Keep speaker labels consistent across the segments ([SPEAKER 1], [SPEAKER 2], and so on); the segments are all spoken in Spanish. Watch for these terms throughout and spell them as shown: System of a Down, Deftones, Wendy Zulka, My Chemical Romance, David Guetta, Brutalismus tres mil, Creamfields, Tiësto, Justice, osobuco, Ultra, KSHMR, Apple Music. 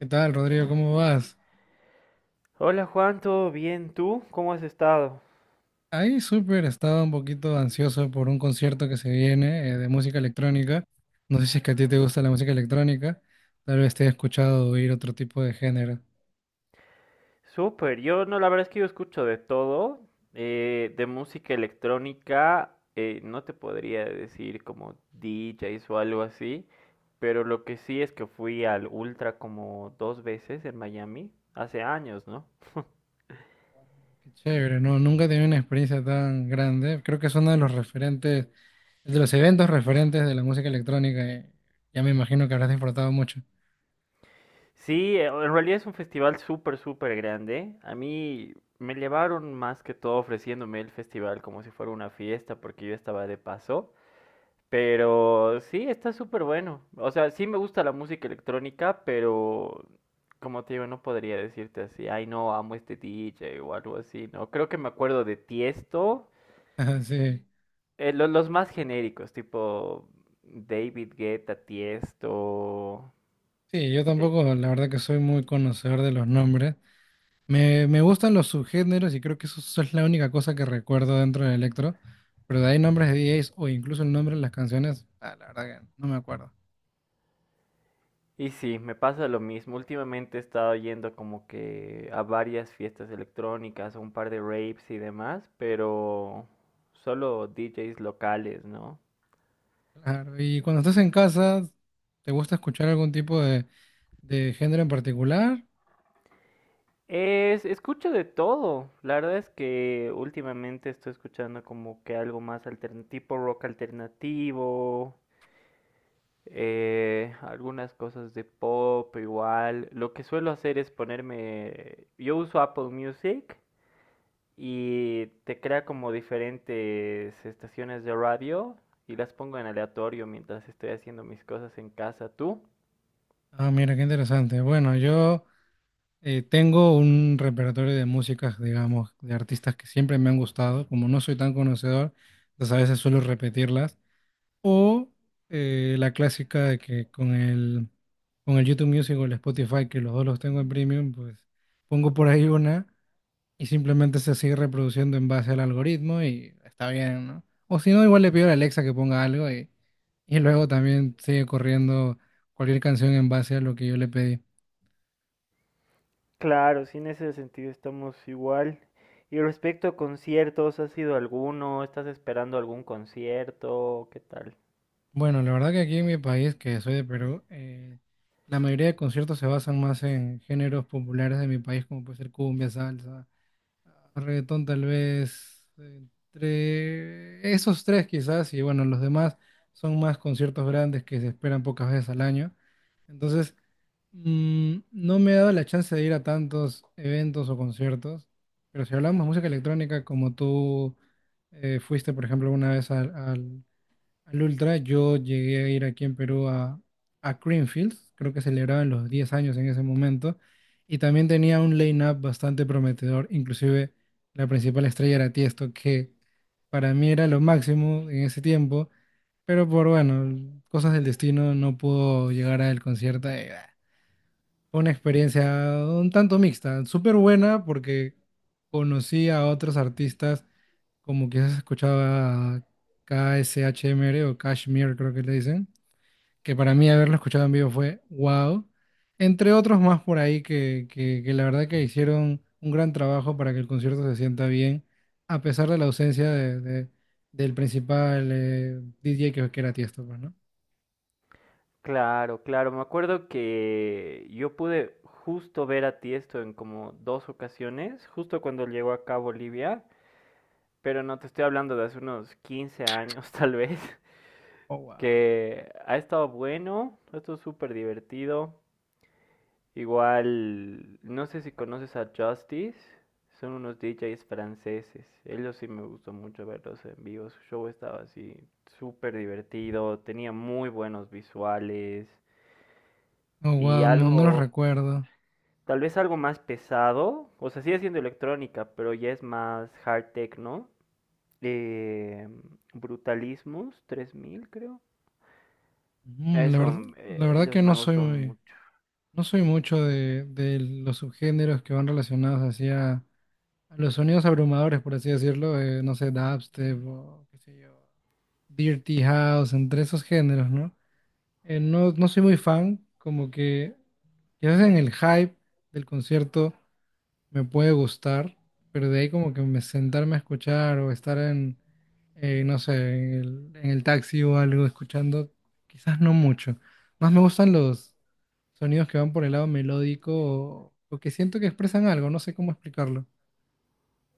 [SPEAKER 1] ¿Qué tal, Rodrigo? ¿Cómo vas?
[SPEAKER 2] Hola Juan, ¿todo bien? ¿Tú? ¿Cómo has estado?
[SPEAKER 1] Ahí súper, estaba un poquito ansioso por un concierto que se viene de música electrónica. No sé si es que a ti te gusta la música electrónica, tal vez te he escuchado oír otro tipo de género.
[SPEAKER 2] Súper, yo no, la verdad es que yo escucho de todo, de música electrónica, no te podría decir como DJs o algo así, pero lo que sí es que fui al Ultra como dos veces en Miami, hace años, ¿no?
[SPEAKER 1] Qué chévere, ¿no? Nunca he tenido una experiencia tan grande. Creo que es uno de los referentes, de los eventos referentes de la música electrónica. Ya me imagino que habrás disfrutado mucho.
[SPEAKER 2] Sí, en realidad es un festival súper, súper grande. A mí me llevaron más que todo ofreciéndome el festival como si fuera una fiesta porque yo estaba de paso. Pero sí, está súper bueno. O sea, sí me gusta la música electrónica, pero como te digo, no podría decirte así, ay no, amo este DJ o algo así, ¿no? Creo que me acuerdo de Tiesto,
[SPEAKER 1] Sí,
[SPEAKER 2] los más genéricos, tipo David Guetta, Tiesto.
[SPEAKER 1] sí, yo
[SPEAKER 2] Eh,
[SPEAKER 1] tampoco, la verdad que soy muy conocedor de los nombres. Me gustan los subgéneros y creo que eso es la única cosa que recuerdo dentro del electro, pero de ahí nombres de DJs o incluso el nombre de las canciones, ah, la verdad que no me acuerdo.
[SPEAKER 2] y sí, me pasa lo mismo. Últimamente he estado yendo como que a varias fiestas electrónicas, a un par de raves y demás, pero solo DJs locales, ¿no?
[SPEAKER 1] Claro, y cuando estás en casa, ¿te gusta escuchar algún tipo de género en particular?
[SPEAKER 2] Escucho de todo. La verdad es que últimamente estoy escuchando como que algo más tipo rock alternativo, algunas cosas de pop igual. Lo que suelo hacer es ponerme, yo uso Apple Music y te crea como diferentes estaciones de radio y las pongo en aleatorio mientras estoy haciendo mis cosas en casa. ¿Tú?
[SPEAKER 1] Ah, mira, qué interesante. Bueno, yo tengo un repertorio de músicas, digamos, de artistas que siempre me han gustado. Como no soy tan conocedor, entonces a veces suelo repetirlas. O la clásica de que con el YouTube Music o el Spotify, que los dos los tengo en premium, pues pongo por ahí una y simplemente se sigue reproduciendo en base al algoritmo y está bien, ¿no? O si no, igual le pido a la Alexa que ponga algo y luego también sigue corriendo cualquier canción en base a lo que yo le pedí.
[SPEAKER 2] Claro, sí, en ese sentido estamos igual. Y respecto a conciertos, ¿has ido a alguno? ¿Estás esperando algún concierto? ¿Qué tal?
[SPEAKER 1] Bueno, la verdad que aquí en mi país, que soy de Perú, la mayoría de conciertos se basan más en géneros populares de mi país, como puede ser cumbia, salsa, reggaetón tal vez entre esos tres quizás y bueno, los demás son más conciertos grandes que se esperan pocas veces al año. Entonces, no me he dado la chance de ir a tantos eventos o conciertos, pero si hablamos de música electrónica, como tú fuiste, por ejemplo, una vez al Ultra, yo llegué a ir aquí en Perú a Creamfields, creo que celebraban los 10 años en ese momento, y también tenía un line-up bastante prometedor, inclusive la principal estrella era Tiesto, que para mí era lo máximo en ese tiempo, pero por, bueno, cosas del destino no pudo llegar al concierto. Fue una experiencia un tanto mixta, súper buena porque conocí a otros artistas como quizás escuchaba KSHMR o Kashmir, creo que le dicen, que para mí haberlo escuchado en vivo fue wow. Entre otros más por ahí que la verdad que hicieron un gran trabajo para que el concierto se sienta bien, a pesar de la ausencia del principal DJ que era Tiesto, pues, ¿no?
[SPEAKER 2] Claro, claro. Me acuerdo que yo pude justo ver a Tiesto en como dos ocasiones, justo cuando llegó acá a Bolivia, pero no te estoy hablando de hace unos 15 años tal vez,
[SPEAKER 1] Oh, wow.
[SPEAKER 2] que ha estado bueno, ha estado súper divertido. Igual, no sé si conoces a Justice, son unos DJs franceses. Ellos sí me gustó mucho verlos en vivo. Su show estaba así súper divertido, tenía muy buenos visuales
[SPEAKER 1] Oh,
[SPEAKER 2] y
[SPEAKER 1] wow, no, no los
[SPEAKER 2] algo,
[SPEAKER 1] recuerdo.
[SPEAKER 2] tal vez algo más pesado. O sea, sigue siendo electrónica, pero ya es más hard techno. Eh, Brutalismus 3000 creo.
[SPEAKER 1] Mm, la
[SPEAKER 2] Eso,
[SPEAKER 1] verdad, la verdad que
[SPEAKER 2] ellos me
[SPEAKER 1] no
[SPEAKER 2] han
[SPEAKER 1] soy
[SPEAKER 2] gustado
[SPEAKER 1] muy,
[SPEAKER 2] mucho.
[SPEAKER 1] no soy mucho de los subgéneros que van relacionados hacia a los sonidos abrumadores, por así decirlo, no sé, dubstep o qué sé yo, dirty house, entre esos géneros, ¿no? No, no soy muy fan, como que quizás en el hype del concierto me puede gustar, pero de ahí como que me sentarme a escuchar o estar en, no sé, en el taxi o algo escuchando, quizás no mucho. Más me gustan los sonidos que van por el lado melódico o que siento que expresan algo, no sé cómo explicarlo.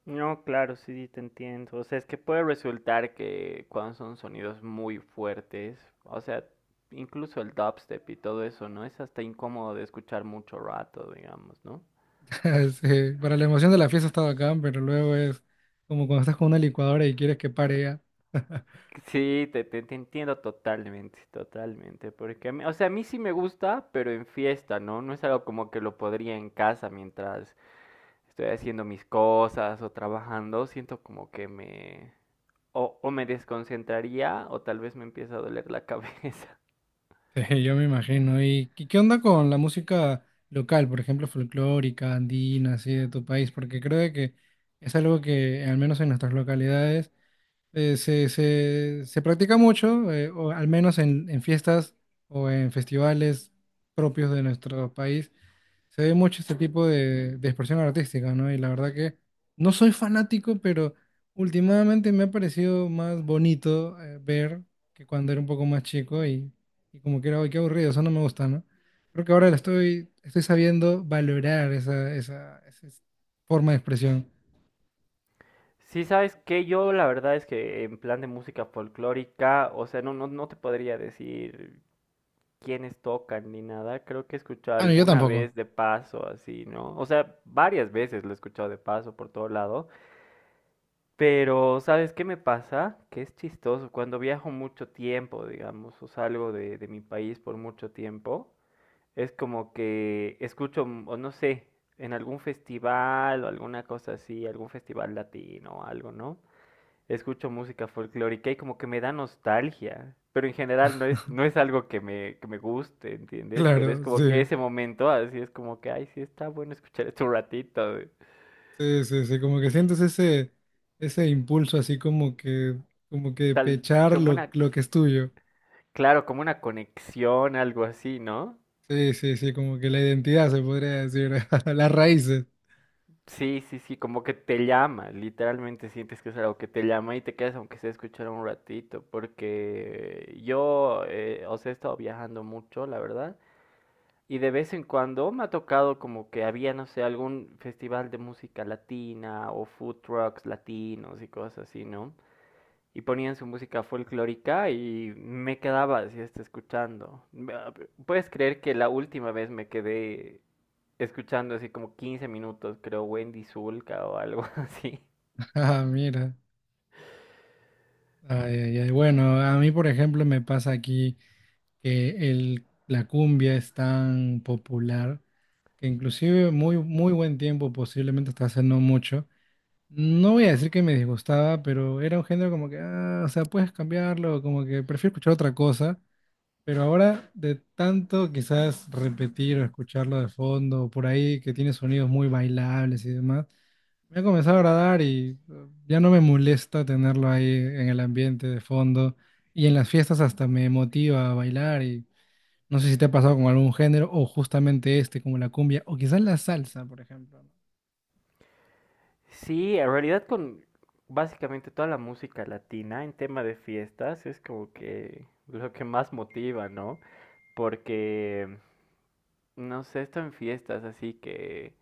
[SPEAKER 2] No, claro, sí, sí, te entiendo. O sea, es que puede resultar que cuando son sonidos muy fuertes, o sea, incluso el dubstep y todo eso, ¿no? Es hasta incómodo de escuchar mucho rato, digamos, ¿no?
[SPEAKER 1] Sí, para la emoción de la fiesta está bacán, pero luego es como cuando estás con una licuadora y quieres que pare ya.
[SPEAKER 2] Sí, te entiendo totalmente, totalmente. Porque, o sea, a mí sí me gusta, pero en fiesta, ¿no? No es algo como que lo podría en casa mientras estoy haciendo mis cosas o trabajando. Siento como que me... O, o me desconcentraría o tal vez me empieza a doler la cabeza.
[SPEAKER 1] Sí, yo me imagino. ¿Y qué onda con la música local, por ejemplo, folclórica, andina, así de tu país? Porque creo de que es algo que, al menos en nuestras localidades, se practica mucho, o al menos en fiestas o en festivales propios de nuestro país. Se ve mucho este tipo de expresión artística, ¿no? Y la verdad que no soy fanático, pero últimamente me ha parecido más bonito ver que cuando era un poco más chico y como que era, "Ay, qué aburrido, eso no me gusta, ¿no? Creo que ahora lo estoy sabiendo valorar esa forma de expresión.
[SPEAKER 2] Sí, sabes que yo la verdad es que en plan de música folclórica, o sea, no te podría decir quiénes tocan ni nada. Creo que he escuchado
[SPEAKER 1] Ah, no, yo
[SPEAKER 2] alguna
[SPEAKER 1] tampoco.
[SPEAKER 2] vez de paso, así, ¿no? O sea, varias veces lo he escuchado de paso por todo lado. Pero, ¿sabes qué me pasa? Que es chistoso. Cuando viajo mucho tiempo, digamos, o salgo de mi país por mucho tiempo, es como que escucho, o no sé, en algún festival o alguna cosa así, algún festival latino o algo, ¿no? Escucho música folclórica y como que me da nostalgia. Pero en general no es, no es algo que me guste, ¿entiendes? Pero es
[SPEAKER 1] Claro,
[SPEAKER 2] como que
[SPEAKER 1] sí,
[SPEAKER 2] ese momento, así es como que, ay, sí, está bueno escuchar esto un ratito.
[SPEAKER 1] sí, sí, sí, como que sientes ese impulso así como que
[SPEAKER 2] Tal,
[SPEAKER 1] pechar
[SPEAKER 2] como
[SPEAKER 1] lo,
[SPEAKER 2] una,
[SPEAKER 1] lo que es tuyo.
[SPEAKER 2] claro, como una conexión, algo así, ¿no?
[SPEAKER 1] Sí, sí, sí, como que la identidad se podría decir, las raíces.
[SPEAKER 2] Sí, sí, sí, como que te llama, literalmente sientes que es algo que te llama y te quedas aunque sea escuchar un ratito, porque yo, o sea, he estado viajando mucho, la verdad. Y de vez en cuando me ha tocado como que había, no sé, algún festival de música latina o food trucks latinos y cosas así, ¿no? Y ponían su música folclórica y me quedaba así hasta escuchando. Puedes creer que la última vez me quedé escuchando así como 15 minutos, creo, Wendy Zulka o algo así.
[SPEAKER 1] Ah, mira. Ay, ay, ay. Bueno, a mí, por ejemplo, me pasa aquí que la cumbia es tan popular que inclusive muy, muy buen tiempo, posiblemente hasta hace no mucho. No voy a decir que me disgustaba, pero era un género como que, ah, o sea, puedes cambiarlo, como que prefiero escuchar otra cosa. Pero ahora, de tanto quizás repetir o escucharlo de fondo, por ahí que tiene sonidos muy bailables y demás. Me ha comenzado a agradar y ya no me molesta tenerlo ahí en el ambiente de fondo. Y en las fiestas hasta me motiva a bailar y no sé si te ha pasado con algún género o justamente este, como la cumbia o quizás la salsa, por ejemplo.
[SPEAKER 2] Sí, en realidad con básicamente toda la música latina en tema de fiestas es como que lo que más motiva, ¿no? Porque no sé, esto en fiestas, así que...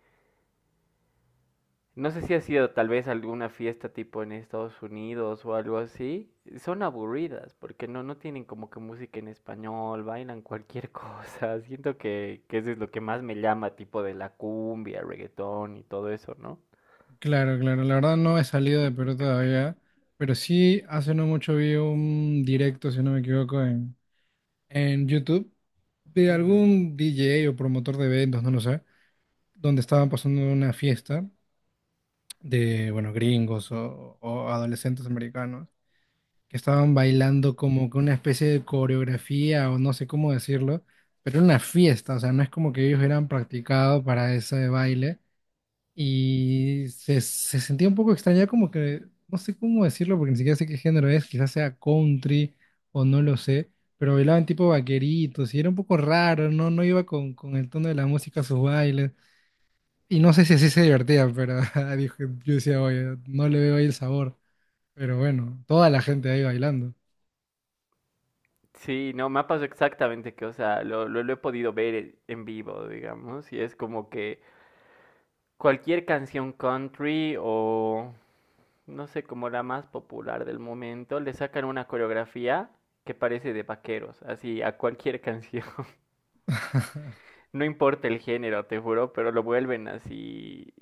[SPEAKER 2] No sé si ha sido tal vez alguna fiesta tipo en Estados Unidos o algo así. Son aburridas porque no tienen como que música en español, bailan cualquier cosa. Siento que eso es lo que más me llama, tipo de la cumbia, reggaetón y todo eso, ¿no?
[SPEAKER 1] Claro, claro, la verdad no he salido de Perú todavía, pero sí hace no mucho vi un directo, si no me equivoco, en YouTube de
[SPEAKER 2] Ujú.
[SPEAKER 1] algún DJ o promotor de eventos, no lo sé, donde estaban pasando una fiesta de, bueno, gringos o adolescentes americanos que estaban bailando como que una especie de coreografía o no sé cómo decirlo, pero era una fiesta, o sea, no es como que ellos hubieran practicado para ese baile y se sentía un poco extraña como que, no sé cómo decirlo porque ni siquiera sé qué género es, quizás sea country o no lo sé. Pero bailaban tipo vaqueritos y era un poco raro, no, no iba con el tono de la música a sus bailes. Y no sé si así se divertía, pero dijo- yo decía, oye, no le veo ahí el sabor. Pero bueno, toda la gente ahí bailando.
[SPEAKER 2] Sí, no, me ha pasado exactamente que, o sea, lo he podido ver en vivo, digamos, y es como que cualquier canción country o no sé, como la más popular del momento, le sacan una coreografía que parece de vaqueros, así a cualquier canción. No importa el género, te juro, pero lo vuelven así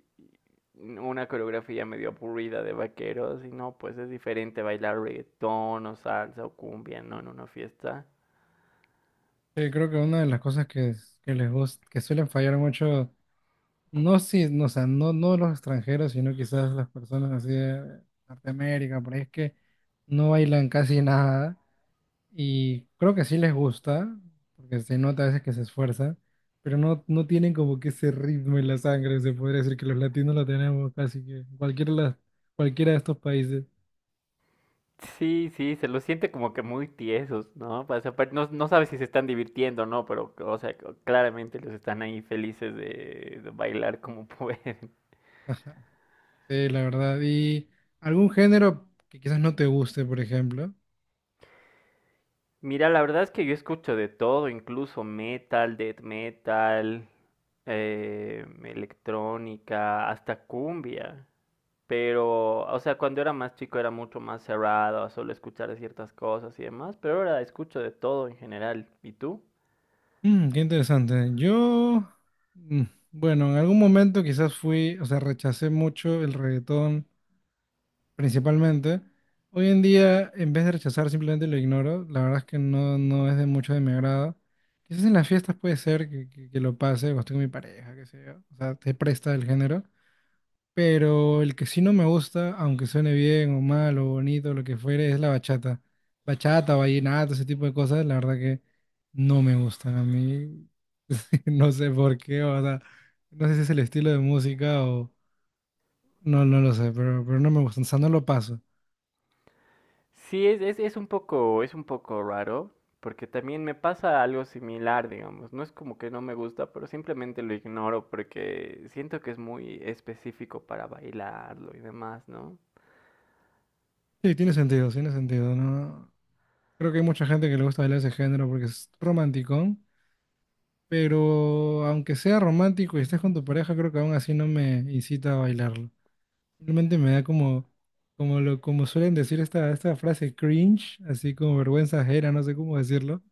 [SPEAKER 2] una coreografía medio aburrida de vaqueros y no, pues es diferente bailar reggaetón o salsa o cumbia, no en una fiesta.
[SPEAKER 1] Sí, creo que una de las cosas que les gusta, que suelen fallar mucho, no si, no, o sea, no, no los extranjeros, sino quizás las personas así de Norteamérica, por ahí es que no bailan casi nada. Y creo que sí les gusta, porque se nota a veces que se esfuerzan, pero no, no tienen como que ese ritmo en la sangre, se podría decir que los latinos lo tenemos casi que en cualquier cualquiera de estos países.
[SPEAKER 2] Sí, sí, se los siente como que muy tiesos, ¿no? Pues, aparte, no sabes si se están divirtiendo o no, pero, o sea, claramente los están ahí felices de bailar como pueden.
[SPEAKER 1] Ajá. Sí, la verdad. ¿Y algún género que quizás no te guste, por ejemplo?
[SPEAKER 2] Mira, la verdad es que yo escucho de todo, incluso metal, death metal, electrónica, hasta cumbia. Pero, o sea, cuando era más chico era mucho más cerrado a solo escuchar ciertas cosas y demás, pero ahora escucho de todo en general. ¿Y tú?
[SPEAKER 1] Qué interesante. Yo, mm, bueno, en algún momento quizás fui, o sea, rechacé mucho el reggaetón principalmente. Hoy en día, en vez de rechazar, simplemente lo ignoro. La verdad es que no, no es de mucho de mi agrado. Quizás en las fiestas puede ser que lo pase, o estoy con mi pareja, qué sé yo. O sea, te presta el género. Pero el que sí no me gusta, aunque suene bien o mal o bonito, lo que fuere, es la bachata. Bachata, vallenato, ese tipo de cosas, la verdad que no me gustan a mí. No sé por qué, o sea, no sé si es el estilo de música o... No, no lo sé, pero no me gustan, o sea, no lo paso.
[SPEAKER 2] Sí, es un poco, es un poco raro, porque también me pasa algo similar, digamos. No es como que no me gusta, pero simplemente lo ignoro porque siento que es muy específico para bailarlo y demás, ¿no?
[SPEAKER 1] Sí, tiene sentido, ¿no? Creo que hay mucha gente que le gusta bailar ese género porque es romanticón, pero aunque sea romántico y estés con tu pareja, creo que aún así no me incita a bailarlo. Simplemente me da como suelen decir esta frase cringe, así como vergüenza ajena, no sé cómo decirlo.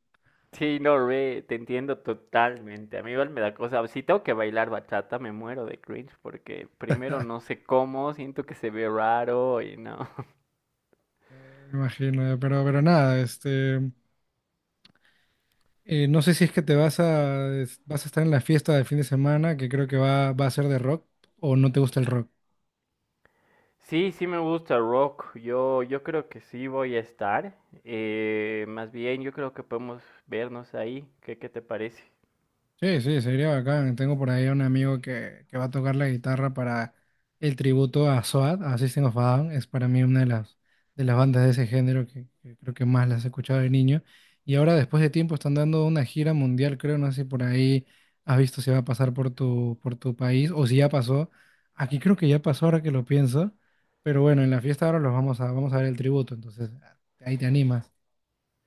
[SPEAKER 2] Sí, no, re, te entiendo totalmente. A mí igual me da cosa. Si tengo que bailar bachata, me muero de cringe porque primero no sé cómo, siento que se ve raro y no.
[SPEAKER 1] Me imagino, pero nada, no sé si es que te vas a estar en la fiesta del fin de semana, que creo que va a ser de rock, o no te gusta el rock.
[SPEAKER 2] Sí, sí me gusta rock. Yo creo que sí voy a estar. Más bien, yo creo que podemos vernos ahí. Qué te parece?
[SPEAKER 1] Sí, sí, sería bacán. Tengo por ahí un amigo que va a tocar la guitarra para el tributo a SOAD, a System of a Down. Es para mí una de las bandas de ese género que creo que más las he escuchado de niño. Y ahora, después de tiempo, están dando una gira mundial, creo. No sé si por ahí has visto si va a pasar por tu país o si ya pasó. Aquí creo que ya pasó ahora que lo pienso. Pero bueno, en la fiesta ahora los vamos a ver el tributo. Entonces, ahí te animas.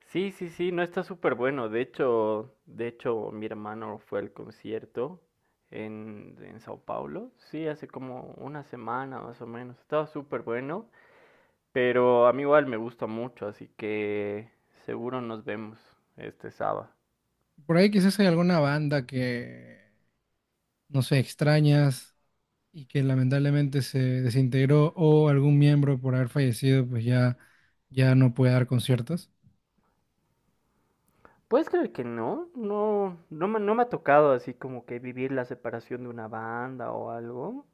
[SPEAKER 2] Sí, sí, sí, no está súper bueno. De hecho, mi hermano fue al concierto en Sao Paulo. Sí, hace como una semana más o menos. Estaba súper bueno. Pero a mí igual me gusta mucho, así que seguro nos vemos este sábado.
[SPEAKER 1] Por ahí quizás hay alguna banda que, no sé, extrañas y que lamentablemente se desintegró o algún miembro por haber fallecido, pues ya, ya no puede dar conciertos.
[SPEAKER 2] ¿Puedes creer que no? No, no me ha tocado así como que vivir la separación de una banda o algo.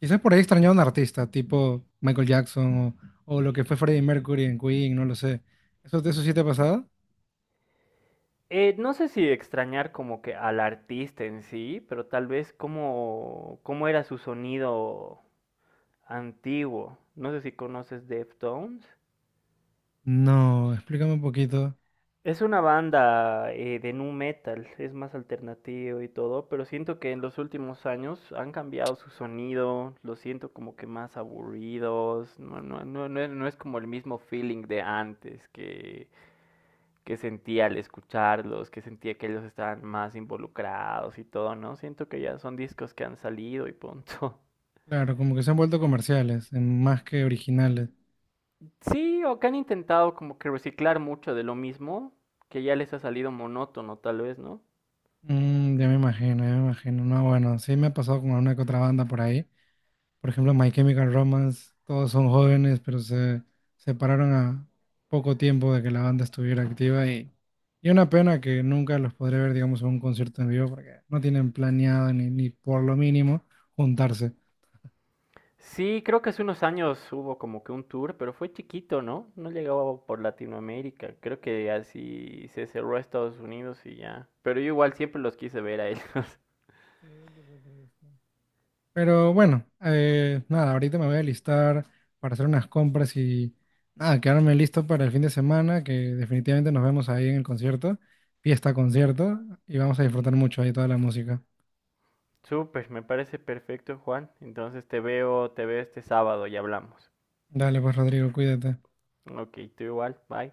[SPEAKER 1] Quizás por ahí extrañó a un artista, tipo Michael Jackson o lo que fue Freddie Mercury en Queen, no lo sé. ¿Eso, eso sí te ha pasado?
[SPEAKER 2] No sé si extrañar como que al artista en sí, pero tal vez cómo, cómo era su sonido antiguo. No sé si conoces Deftones.
[SPEAKER 1] No, explícame un poquito.
[SPEAKER 2] Es una banda de nu metal, es más alternativo y todo, pero siento que en los últimos años han cambiado su sonido, lo siento como que más aburridos, no es como el mismo feeling de antes que sentía al escucharlos, que sentía que ellos estaban más involucrados y todo, ¿no? Siento que ya son discos que han salido y punto.
[SPEAKER 1] Claro, como que se han vuelto comerciales, más que originales.
[SPEAKER 2] Sí, o que han intentado como que reciclar mucho de lo mismo, que ya les ha salido monótono tal vez, ¿no?
[SPEAKER 1] Ya me imagino, ya me imagino. No, bueno, sí me ha pasado con una que otra banda por ahí. Por ejemplo, My Chemical Romance, todos son jóvenes, pero se separaron a poco tiempo de que la banda estuviera activa y una pena que nunca los podré ver, digamos, en un concierto en vivo porque no tienen planeado ni por lo mínimo juntarse.
[SPEAKER 2] Sí, creo que hace unos años hubo como que un tour, pero fue chiquito, ¿no? No llegaba por Latinoamérica. Creo que así se cerró a Estados Unidos y ya. Pero yo igual siempre los quise ver a ellos.
[SPEAKER 1] Sí, un poco triste. Pero bueno, nada, ahorita me voy a listar para hacer unas compras y nada, quedarme listo para el fin de semana, que definitivamente nos vemos ahí en el concierto, fiesta concierto, y vamos a disfrutar mucho ahí toda la música.
[SPEAKER 2] Súper, me parece perfecto, Juan. Entonces te veo este sábado y hablamos.
[SPEAKER 1] Dale, pues Rodrigo, cuídate.
[SPEAKER 2] Ok, tú igual, bye.